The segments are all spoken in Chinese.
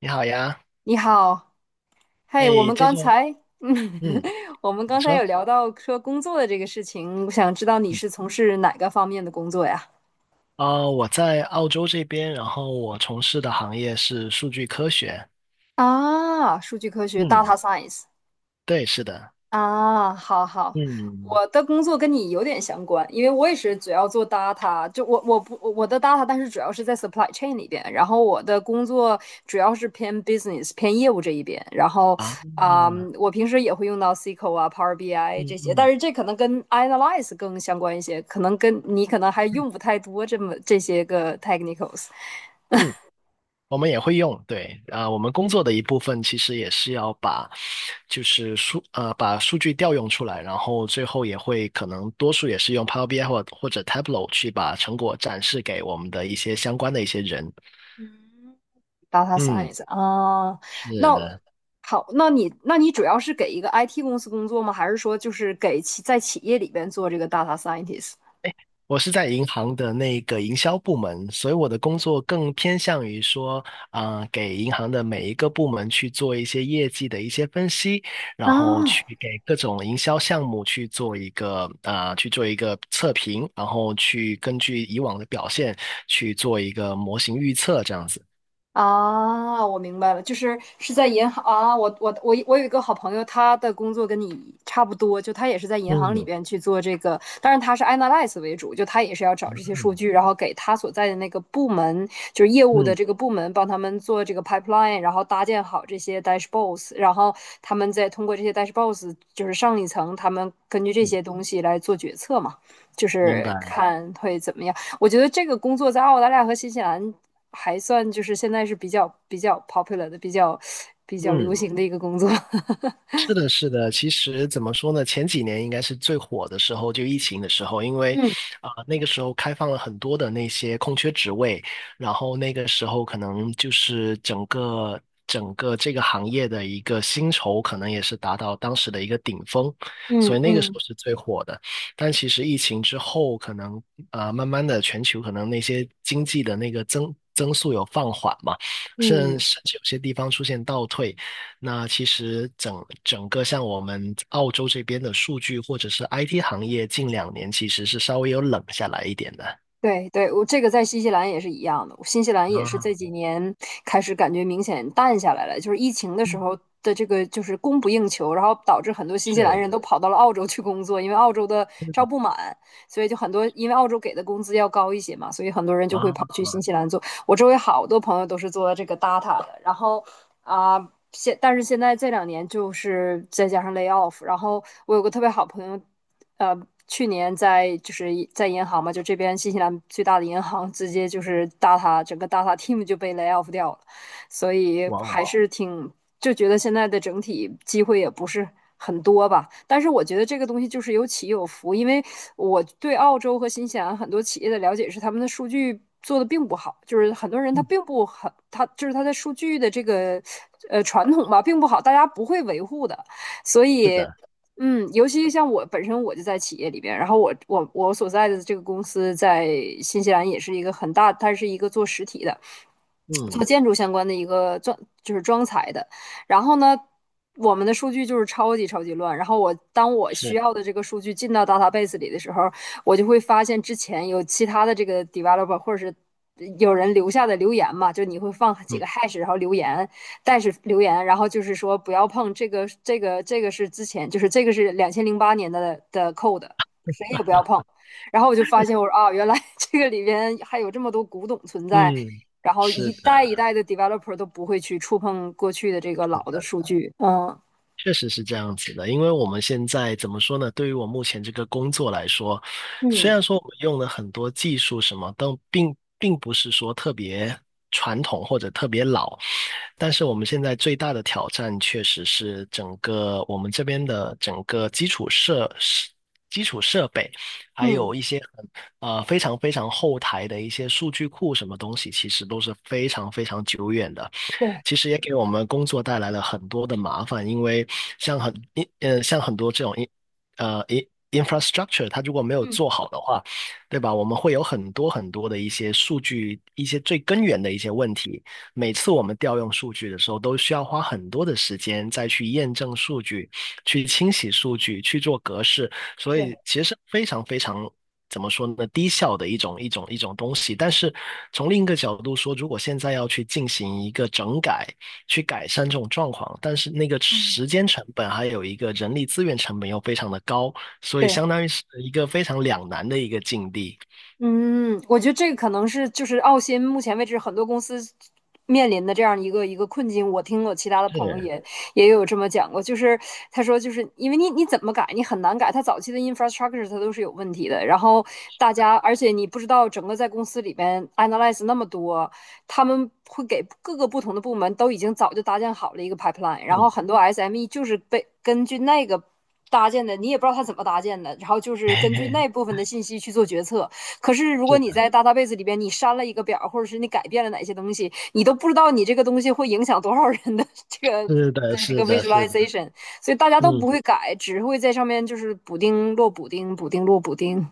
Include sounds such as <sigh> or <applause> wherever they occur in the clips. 你好呀。你好。嘿，我哎，们这刚就才，<laughs> 嗯，嗯，我们你刚才有说，聊到说工作的这个事情，我想知道你嗯，是从事哪个方面的工作呀？啊、我在澳洲这边，然后我从事的行业是数据科学。啊，数据科学 嗯，（data science）。对，是的。啊，好好。嗯，我的工作跟你有点相关，因为我也是主要做 data，就我我不我的 data，但是主要是在 supply chain 里边，然后我的工作主要是偏 business 偏业务这一边，然后啊，啊、我平时也会用到 SQL 啊、Power 嗯 BI 这些，但嗯是这可能跟 analyze 更相关一些，可能跟你可能还嗯用不太多这些个 technicals。嗯，我们也会用，对，我们工作的一部分其实也是要把，就是数，呃，把数据调用出来，然后最后也会可能多数也是用 Power BI 或者 Tableau 去把成果展示给我们的一些相关的一些人。data 嗯，science 啊。嗯是那的。好，那你主要是给一个 IT 公司工作吗？还是说就是给在企业里边做这个 data scientist？我是在银行的那个营销部门，所以我的工作更偏向于说，给银行的每一个部门去做一些业绩的一些分析，然后啊。去给各种营销项目去做一个去做一个测评，然后去根据以往的表现去做一个模型预测，这样子。啊，我明白了，就是在银行啊。我有一个好朋友，他的工作跟你差不多，就他也是在银行里嗯边去做这个，当然他是 analyze 为主，就他也是要找这些数据，然后给他所在的那个部门，就是业务的嗯这个部门，帮他们做这个 pipeline，然后搭建好这些 dashboards，然后他们再通过这些 dashboards，就是上一层，他们根据这嗯，些东西来做决策嘛，就明是白。看会怎么样。我觉得这个工作在澳大利亚和新西兰还算就是现在是比较 popular 的、比较流嗯。行的一个工作。<laughs> 是的，是的。其实怎么说呢？前几年应该是最火的时候，就疫情的时候，因为嗯那个时候开放了很多的那些空缺职位，然后那个时候可能就是整个这个行业的一个薪酬可能也是达到当时的一个顶峰，所嗯以那个时候嗯是最火的。但其实疫情之后，可能慢慢的全球可能那些经济的那个增速有放缓嘛，甚嗯，甚至有些地方出现倒退。那其实整个像我们澳洲这边的数据或者是 IT 行业，近两年其实是稍微有冷下来一点的。对对，我这个在新西兰也是一样的。新西兰也是啊，这几年开始感觉明显淡下来了，就是疫情的时嗯候的这个就是供不应求，然后导致很多新西兰是，人都跑到了澳洲去工作，因为澳洲的招嗯不满，所以就很多因为澳洲给的工资要高一些嘛，所以很多人就会啊，跑去新西兰做。我周围好多朋友都是做这个 data 的，然后啊。但是现在这两年就是再加上 lay off，然后我有个特别好朋友，呃，去年就是在银行嘛，就这边新西兰最大的银行，直接就是 整个 data team 就被 lay off 掉了。所以哇还哦，哦是挺就觉得现在的整体机会也不是很多吧。但是我觉得这个东西就是有起有伏，因为我对澳洲和新西兰很多企业的了解是，他们的数据做的并不好，就是很多人他并不很，他就是他的数据的这个传统吧，并不好，大家不会维护的，所是以。的，尤其像我本身我就在企业里边，然后我所在的这个公司在新西兰也是一个很大，它是一个做实体的，嗯，做建筑相关的一个装就是装材的。然后呢，我们的数据就是超级超级乱。然后我当我需是，要的这个数据进到 database 里的时候，我就会发现之前有其他的这个 developer 或者是有人留下的留言嘛，就你会放几嗯个 hash 然后留言，但是留言，然后就是说不要碰这个，这个，这个是之前，就是这个是两千零八年的 code，谁也不要碰。然后我就发现，我说啊，原来 <laughs> 这个里边还有这么多古董存在，嗯，然后是一的。代一代的 developer 都不会去触碰过去的这个老的数据。嗯确实是这样子的，因为我们现在怎么说呢？对于我目前这个工作来说，虽嗯然说我们用了很多技术什么，但并不是说特别传统或者特别老，但是我们现在最大的挑战确实是整个我们这边的整个基础设施。基础设备，还嗯，有一些非常非常后台的一些数据库，什么东西，其实都是非常非常久远的。对，其实也给我们工作带来了很多的麻烦，因为像很像很多这种呃，in infrastructure，它如果没有嗯做好的话，对吧？我们会有很多很多的一些数据，一些最根源的一些问题。每次我们调用数据的时候，都需要花很多的时间再去验证数据，去清洗数据，去做格式。所以对，其实是非常非常怎么说呢，低效的一种东西。但是从另一个角度说，如果现在要去进行一个整改，去改善这种状况，但是那个嗯时间成本还有一个人力资源成本又非常的高，所以对，相当于是一个非常两难的一个境地。嗯，我觉得这个可能是就是澳新目前为止很多公司面临的这样一个困境。我听我其他的朋友是，也有这么讲过，就是他说就是因为你你怎么改你很难改，他早期的 infrastructure 它都是有问题的。然后大家而且你不知道整个在公司里边 analyze 那么多，他们会给各个不同的部门都已经早就搭建好了一个 pipeline，然后嗯，很多 SME 就是被根据那个搭建的，你也不知道他怎么搭建的，然后就是根据那部 <laughs> 分的信息去做决策，可是如果是你的，在 database 里边你删了一个表，或者是你改变了哪些东西，你都不知道你这个东西会影响多少人的这个是的，的这个 是的，是的，visualization，所以大家都不嗯。会改，只会在上面就是补丁落补丁，补丁落补丁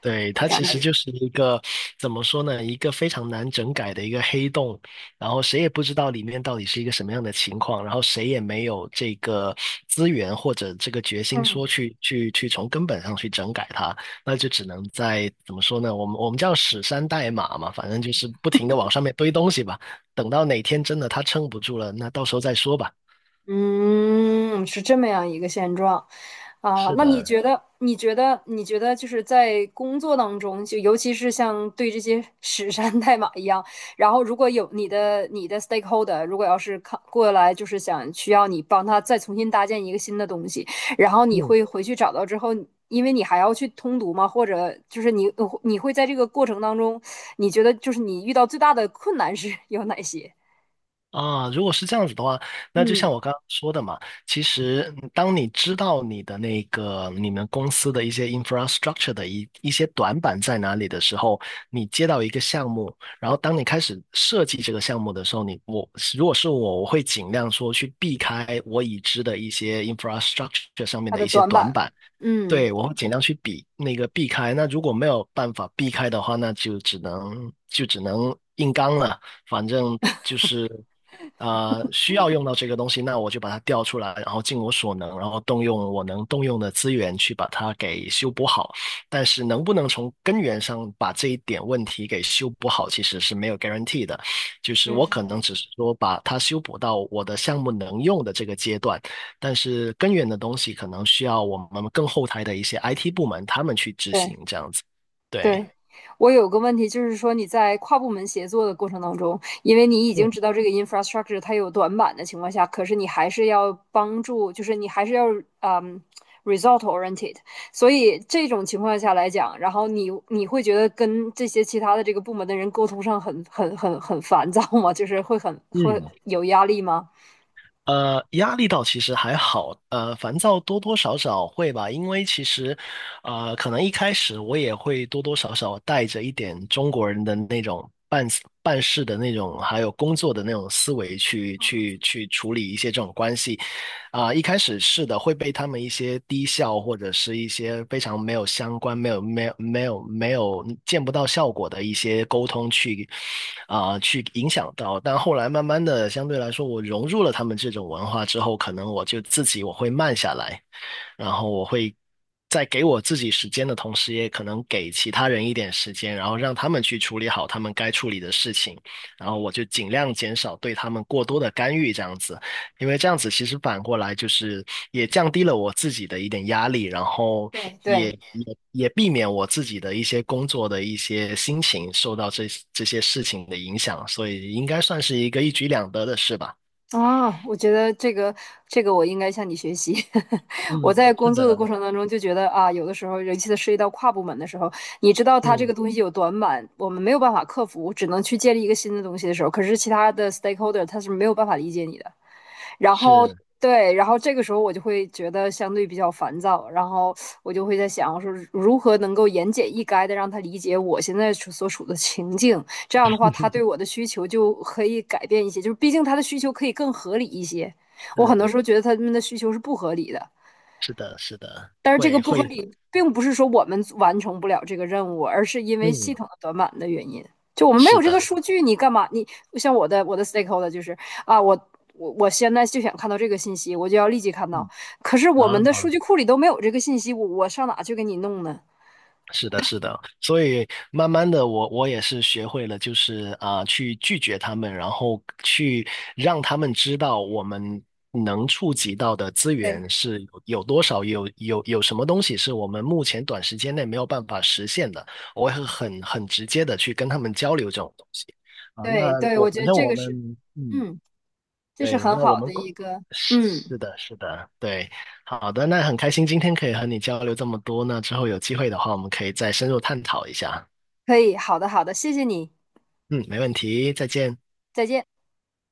对，的它感其觉。实就是一个，怎么说呢，一个非常难整改的一个黑洞，然后谁也不知道里面到底是一个什么样的情况，然后谁也没有这个资源或者这个决心嗯说去从根本上去整改它，那就只能在怎么说呢，我们叫屎山代码嘛，反正就是不停的往上面堆东西吧，等到哪天真的它撑不住了，那到时候再说吧。嗯，是这么样一个现状。啊，是那的，你觉得就是在工作当中，就尤其是像对这些 <laughs> 史山代码一样，然后如果有你的 stakeholder，如果要是看过来，就是想需要你帮他再重新搭建一个新的东西，然后你嗯。会回去找到之后，因为你还要去通读嘛，或者就是你会在这个过程当中，你觉得就是你遇到最大的困难是 <laughs> 有哪些？啊，如果是这样子的话，那就像嗯，我刚刚说的嘛，其实嗯当你知道你的那个你们公司的一些 infrastructure 的一些短板在哪里的时候，你接到一个项目，然后当你开始设计这个项目的时候，如果是我，我会尽量说去避开我已知的一些 infrastructure 上面它的的一些短短板？板，嗯对，我会尽量去避开。那如果没有办法避开的话，那就只能硬刚了。反正就是需要用到这个东西，那我就把它调出来，然后尽我所能，然后动用我能动用的资源去把它给修补好。但是能不能从根源上把这一点问题给修补好，其实是没有 guarantee 的。就是我可嗯。能只是说把它修补到我的项目能用的这个阶段，但是根源的东西可能需要我们更后台的一些 IT 部门他们去执对。行这样子。对，对，我有个问题，就是说你在跨部门协作的过程当中，因为你已嗯经知道这个 infrastructure 它有短板的情况下，可是你还是要帮助，就是你还是要嗯 result oriented，所以这种情况下来讲，然后你会觉得跟这些其他的这个部门的人沟通上很烦躁吗？就是会很会嗯，有压力吗？压力倒其实还好，烦躁多多少少会吧，因为其实，可能一开始我也会多多少少带着一点中国人的那种办事的那种，还有工作的那种思维去处理一些这种关系。一开始是的，会被他们一些低效或者是一些非常没有相关、没有、没有、没有、没有见不到效果的一些沟通去去影响到。但后来慢慢的，相对来说，我融入了他们这种文化之后，可能我就自己我会慢下来，然后我会在给我自己时间的同时，也可能给其他人一点时间，然后让他们去处理好他们该处理的事情，然后我就尽量减少对他们过多的干预，这样子。因为这样子其实反过来就是也降低了我自己的一点压力，然后对也对。也也避免我自己的一些工作的一些心情受到这些事情的影响，所以应该算是一个一举两得的事吧。啊，我觉得这个我应该向你学习。<laughs> 我在嗯，是工作的的，过程当中就觉得啊，有的时候尤其是涉及到跨部门的时候，你知道它这个嗯，东西有短板，我们没有办法克服，只能去建立一个新的东西的时候，可是其他的 stakeholder 他是没有办法理解你的。然后是对，然后这个时候我就会觉得相对比较烦躁，然后我就会在想我说如何能够言简意赅的让他理解我现在所处的情境，这样的话他对我的需求就可以改变一些，就是毕竟他的需求可以更合理一些。我很多时候是觉得他们的需求是不合理的，是的，是的，但是这个会不合会，理，并不是说我们完成不了这个任务，而是因为嗯，系统的短板的原因。就我们没有是这个的，数据，你干嘛？你像我的 stakeholder 就是啊，我现在就想看到这个信息，我就要立即看到。可是我们嗯，的啊。数据库里都没有这个信息，我上哪去给你弄呢？是的，是的，所以慢慢的我，我也是学会了，就是去拒绝他们，然后去让他们知道我们能触及到的资对，源是有多少，有什么东西是我们目前短时间内没有办法实现的，我会很直接的去跟他们交流这种东西那对对，我我觉反得正这我个是，们嗯，嗯，这是对，很那我好们的一个，嗯，是的，是的，对。好的，那很开心今天可以和你交流这么多，那之后有机会的话，我们可以再深入探讨一下。可以，好的好的，谢谢你，嗯，没问题，再见。再见。